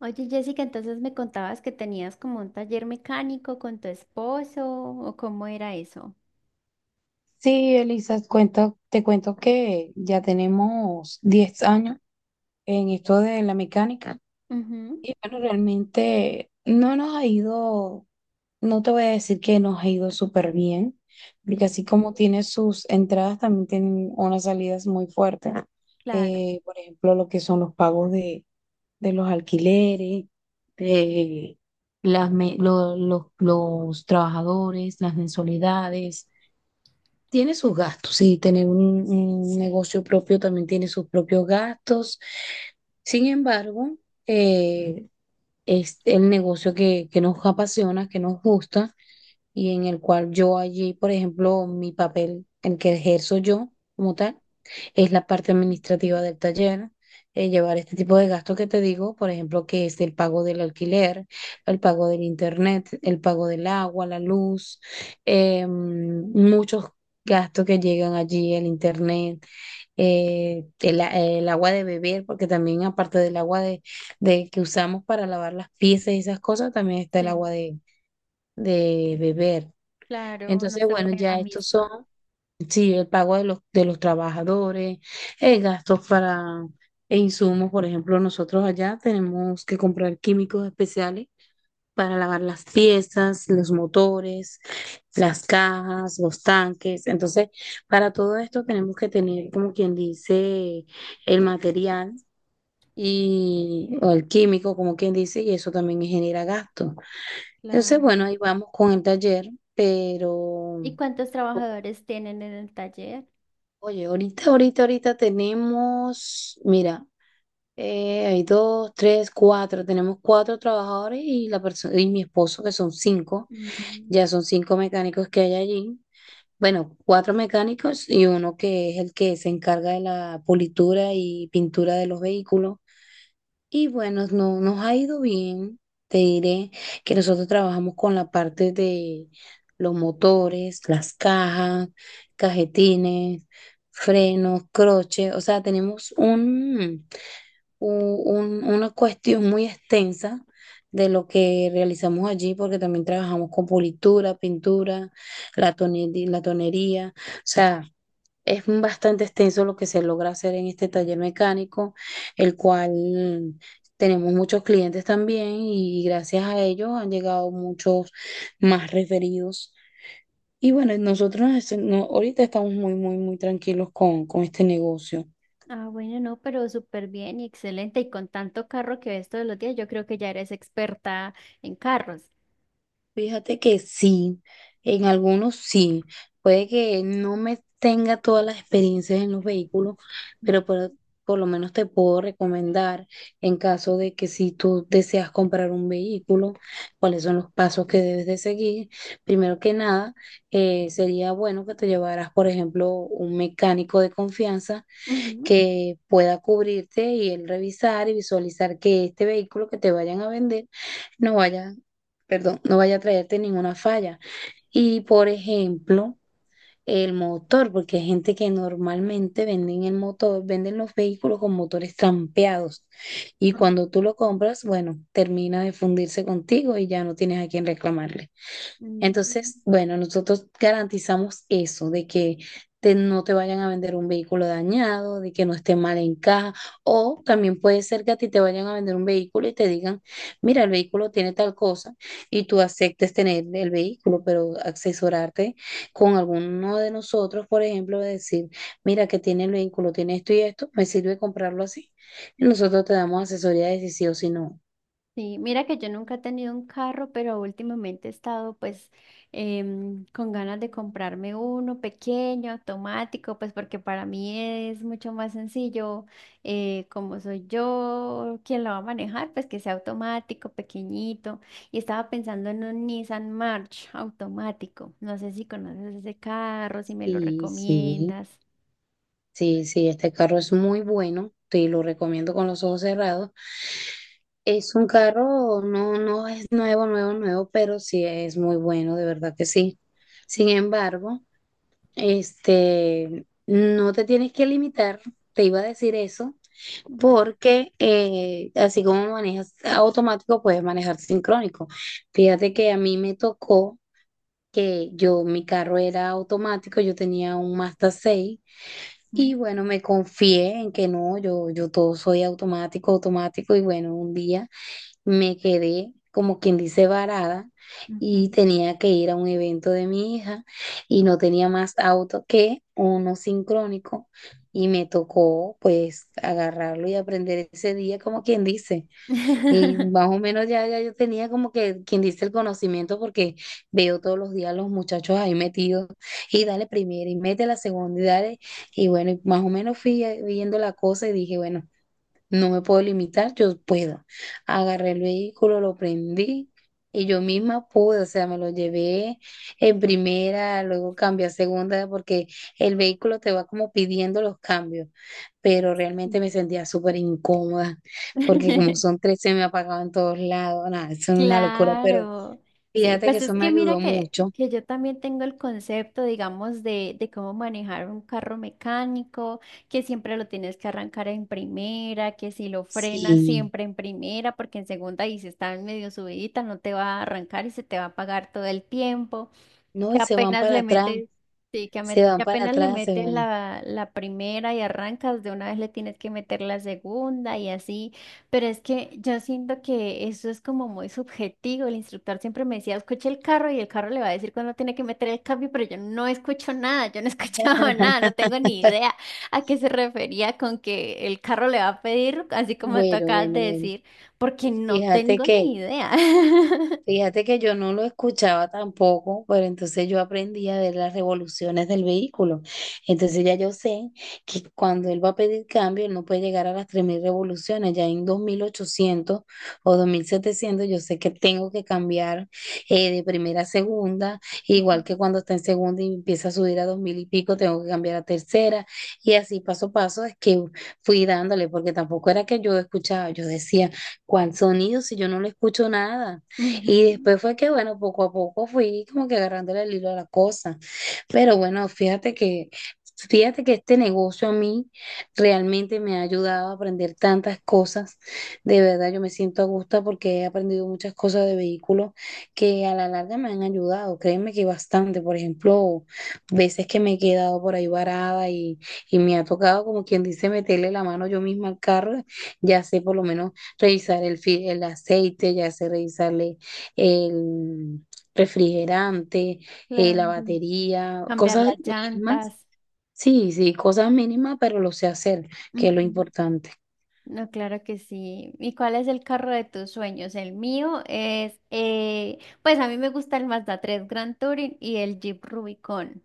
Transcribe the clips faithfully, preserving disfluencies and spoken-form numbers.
Oye, Jessica, entonces me contabas que tenías como un taller mecánico con tu esposo, ¿o cómo era eso? Sí, Elisa, cuento, te cuento que ya tenemos diez años en esto de la mecánica. Ujú. Y bueno, realmente no nos ha ido, no te voy a decir que nos ha ido súper bien, Sí, porque así como tiene sus entradas, también tiene unas salidas muy fuertes. claro, Eh, por ejemplo, lo que son los pagos de, de los alquileres, de las, me- lo- los los trabajadores, las mensualidades. Tiene sus gastos, sí, tener un, un negocio propio también tiene sus propios gastos. Sin embargo, eh, es el negocio que, que nos apasiona, que nos gusta y en el cual yo allí, por ejemplo, mi papel, el que ejerzo yo como tal, es la parte administrativa del taller. Eh, llevar este tipo de gastos que te digo, por ejemplo, que es el pago del alquiler, el pago del internet, el pago del agua, la luz. Eh, muchos gastos que llegan allí: el internet, eh, el, a- el agua de beber, porque también aparte del agua de, de que usamos para lavar las piezas y esas cosas, también está el agua sí, de, de beber. claro, no Entonces, se bueno, puede la ya estos misma. son sí, el pago de los, de los trabajadores, eh, gastos para e insumos. Por ejemplo, nosotros allá tenemos que comprar químicos especiales para lavar las piezas, los motores, las cajas, los tanques. Entonces, para todo esto tenemos que tener, como quien dice, el material y o el químico, como quien dice, y eso también genera gastos. Entonces, Claro. bueno, ahí vamos con el taller, pero... ¿Y cuántos trabajadores tienen en el taller? Oye, ahorita, ahorita, ahorita tenemos, mira, eh, hay dos, tres, cuatro, tenemos cuatro trabajadores y la persona y mi esposo que son cinco, Mm. ya son cinco mecánicos que hay allí. Bueno, cuatro mecánicos y uno que es el que se encarga de la pulitura y pintura de los vehículos. Y bueno, no, nos ha ido bien. Te diré que nosotros trabajamos con la parte de los motores, las cajas, cajetines, frenos, croches. O sea, tenemos un, u- un- una cuestión muy extensa de lo que realizamos allí, porque también trabajamos con pulitura, pintura, la tone- la tonería. O sea, es bastante extenso lo que se logra hacer en este taller mecánico, el cual tenemos muchos clientes también y gracias a ellos han llegado muchos más referidos. Y bueno, nosotros nos- no- ahorita estamos muy, muy, muy tranquilos con, con este negocio. Ah, bueno, no, pero súper bien y excelente. Y con tanto carro que ves todos los días, yo creo que ya eres experta en carros. Fíjate que sí, en algunos sí. Puede que no me tenga todas las experiencias en los vehículos, pero por, por lo menos te puedo recomendar en caso de que si tú deseas comprar un vehículo, cuáles son los pasos que debes de seguir. Primero que nada, eh, sería bueno que te llevaras, por ejemplo, un mecánico de confianza Ujú, que pueda cubrirte y él revisar y visualizar que este vehículo que te vayan a vender no vaya, perdón, no vaya a traerte ninguna falla. Y por ejemplo, el motor, porque hay gente que normalmente venden el motor, venden los vehículos con motores trampeados. Y cuando tú ujú, lo compras, bueno, termina de fundirse contigo y ya no tienes a quién reclamarle. Entonces, mm. bueno, nosotros garantizamos eso, de que te- no te vayan a vender un vehículo dañado, de que no esté mal en caja, o también puede ser que a ti te vayan a vender un vehículo y te digan, mira, el vehículo tiene tal cosa, y tú aceptes tener el vehículo, pero asesorarte con alguno de nosotros, por ejemplo, de decir, mira, que tiene el vehículo, tiene esto y esto, me sirve comprarlo así. Y nosotros te damos asesoría de si sí o si no. Sí, mira que yo nunca he tenido un carro, pero últimamente he estado pues em, con ganas de comprarme uno pequeño, automático, pues porque para mí es mucho más sencillo, eh, como soy yo quien lo va a manejar, pues que sea automático, pequeñito. Y estaba pensando en un Nissan March automático. No sé si conoces ese carro, si me lo Y sí. recomiendas. Sí, sí, este carro es muy bueno, te lo recomiendo con los ojos cerrados. Es un carro, no, no es nuevo, nuevo, nuevo, pero sí es muy bueno, de verdad que sí. Sin embargo, este, no te tienes que limitar, te iba a decir eso, porque eh, así como manejas automático, puedes manejar sincrónico. Fíjate que a mí me tocó que yo, mi carro era automático, yo tenía un Mazda seis. Y Ujú, bueno, me confié en que no, yo, yo todo soy automático, automático, y bueno, un día me quedé como quien dice varada ujú. y tenía que ir a un evento de mi hija y no tenía más auto que uno sincrónico y me tocó pues agarrarlo y aprender ese día como quien dice. Y más o menos ya, ya yo tenía como que quien dice el conocimiento porque veo todos los días los muchachos ahí metidos y dale primera y mete la segunda y dale. Y bueno, y más o menos fui eh, viendo la cosa y dije, bueno. No me puedo limitar, yo puedo. Agarré el vehículo, lo prendí y yo misma pude, o sea, me lo llevé en primera, luego cambié a segunda porque el vehículo te va como pidiendo los cambios, pero realmente me Sí. sentía súper incómoda porque como son tres se me apagaban todos lados, nada, eso es una locura, pero Claro, sí, fíjate que pues eso es me que mira ayudó que, mucho. que yo también tengo el concepto, digamos, de, de cómo manejar un carro mecánico, que siempre lo tienes que arrancar en primera, que si lo frenas Sí, siempre en primera, porque en segunda y si está medio subidita no te va a arrancar y se te va a apagar todo el tiempo. no, Que y se van apenas para le atrás, metes, Sí, que, se ame- que van para apenas le atrás, se metes van. la, la primera y arrancas, de una vez le tienes que meter la segunda y así. Pero es que yo siento que eso es como muy subjetivo. El instructor siempre me decía, escuche el carro y el carro le va a decir cuándo tiene que meter el cambio, pero yo no escucho nada, yo no he escuchado nada, no tengo ni idea a qué se refería con que el carro le va a pedir, así como tú Bueno, acabas bueno, de bueno. decir, porque no Fíjate tengo que ni idea. Fíjate que yo no lo escuchaba tampoco, pero entonces yo aprendí a ver las revoluciones del vehículo. Entonces ya yo sé que cuando él va a pedir cambio, él no puede llegar a las tres mil revoluciones. Ya en dos mil ochocientos o dos mil setecientos, yo sé que tengo que cambiar eh, de primera a segunda, Ujú. igual que cuando está en segunda y empieza a subir a dos mil y pico, tengo que cambiar a tercera. Y así paso a paso es que fui dándole, porque tampoco era que yo escuchaba, yo decía, ¿cuál sonido si yo no le escucho nada? Ujú. Y después fue que, bueno, poco a poco fui como que agarrándole el hilo a la cosa. Pero bueno, fíjate que, fíjate que este negocio a mí realmente me ha ayudado a aprender tantas cosas. De verdad, yo me siento a gusto porque he aprendido muchas cosas de vehículos que a la larga me han ayudado. Créeme que bastante. Por ejemplo, veces que me he quedado por ahí varada y, y me ha tocado, como quien dice, meterle la mano yo misma al carro. Ya sé por lo menos revisar el, fi- el aceite, ya sé revisarle el refrigerante, eh, la Claro. batería, Cambiar cosas las mínimas. llantas. Sí, sí, cosas mínimas, pero lo sé hacer, que es lo Ujú. importante. No, claro que sí. ¿Y cuál es el carro de tus sueños? El mío es, eh, pues a mí me gusta el Mazda tres Grand Touring y el Jeep Rubicon.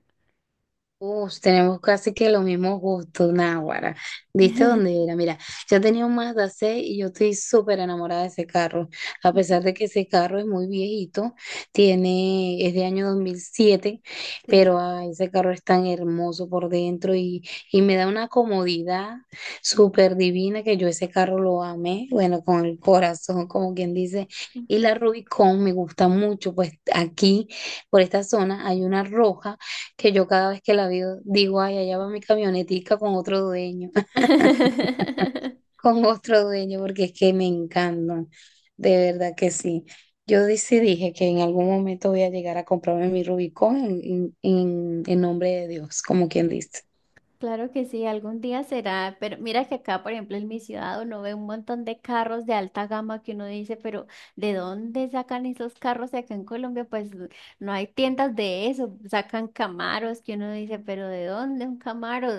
Uf, tenemos casi que los mismos gustos, Náguara. ¿Viste dónde era? Mira, yo tenía un Mazda seis y yo estoy súper enamorada de ese carro. A Ujú. pesar de que ese carro es muy viejito, tiene, es de año dos mil siete, pero Sí. ah, ese carro es tan hermoso por dentro y, y me da una comodidad súper divina que yo ese carro lo amé, bueno, con el corazón, como quien dice. Y Ujú. la Rubicon me gusta mucho, pues aquí, por esta zona, hay una roja que yo cada vez que la veo digo, ay, allá va mi camionetica con otro dueño, con otro dueño, porque es que me encantan, de verdad que sí. Yo di- sí dije que en algún momento voy a llegar a comprarme mi Rubicón en, en, en- en nombre de Dios, como quien dice. Claro que sí, algún día será, pero mira que acá, por ejemplo, en mi ciudad uno ve un montón de carros de alta gama que uno dice, pero ¿de dónde sacan esos carros acá en Colombia? Pues no hay tiendas de eso, sacan Camaros que uno dice, pero ¿de dónde un Camaro?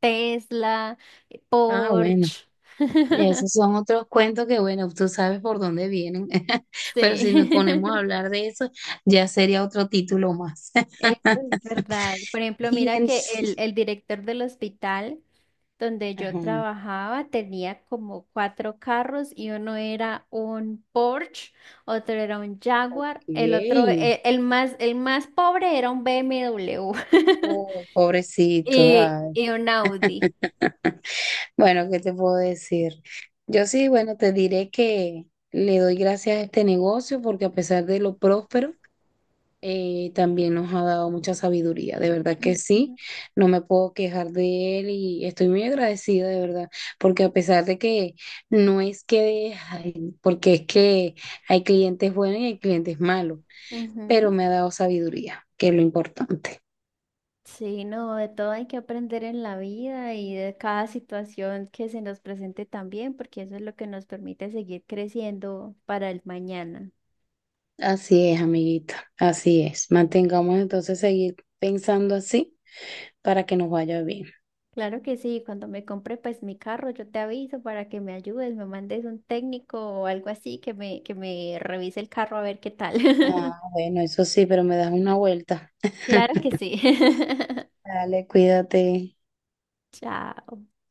Tesla, Ah, bueno, Porsche, y esos son otros cuentos que, bueno, tú sabes por dónde vienen, pero si nos ponemos a sí. hablar de eso, ya sería otro título más. Eso es verdad. Por ejemplo, Y mira en... que el, el director del hospital donde yo Ajá, trabajaba tenía como cuatro carros y uno era un Porsche, otro era un Jaguar, ok. el otro, e- el, más, el más pobre era un B M W Oh, pobrecito. Y, ay. y un Audi. Bueno, ¿qué te puedo decir? Yo sí, bueno, te diré que le doy gracias a este negocio porque a pesar de lo próspero, eh, también nos ha dado mucha sabiduría. De verdad que sí, Ujú, no me puedo quejar de él y estoy muy agradecida, de verdad, porque a pesar de que no es que, ay, porque es que hay clientes buenos y hay clientes malos, pero ujú. me ha dado sabiduría, que es lo importante. Sí, no, de todo hay que aprender en la vida y de cada situación que se nos presente también, porque eso es lo que nos permite seguir creciendo para el mañana. Así es, amiguito, así es. Mantengamos entonces seguir pensando así para que nos vaya bien. Claro que sí, cuando me compre pues mi carro, yo te aviso para que me ayudes, me mandes un técnico o algo así que me, que me revise el carro a ver qué tal. Ah, bueno, eso sí, pero me das una vuelta. Claro que sí. Dale, cuídate. Chao.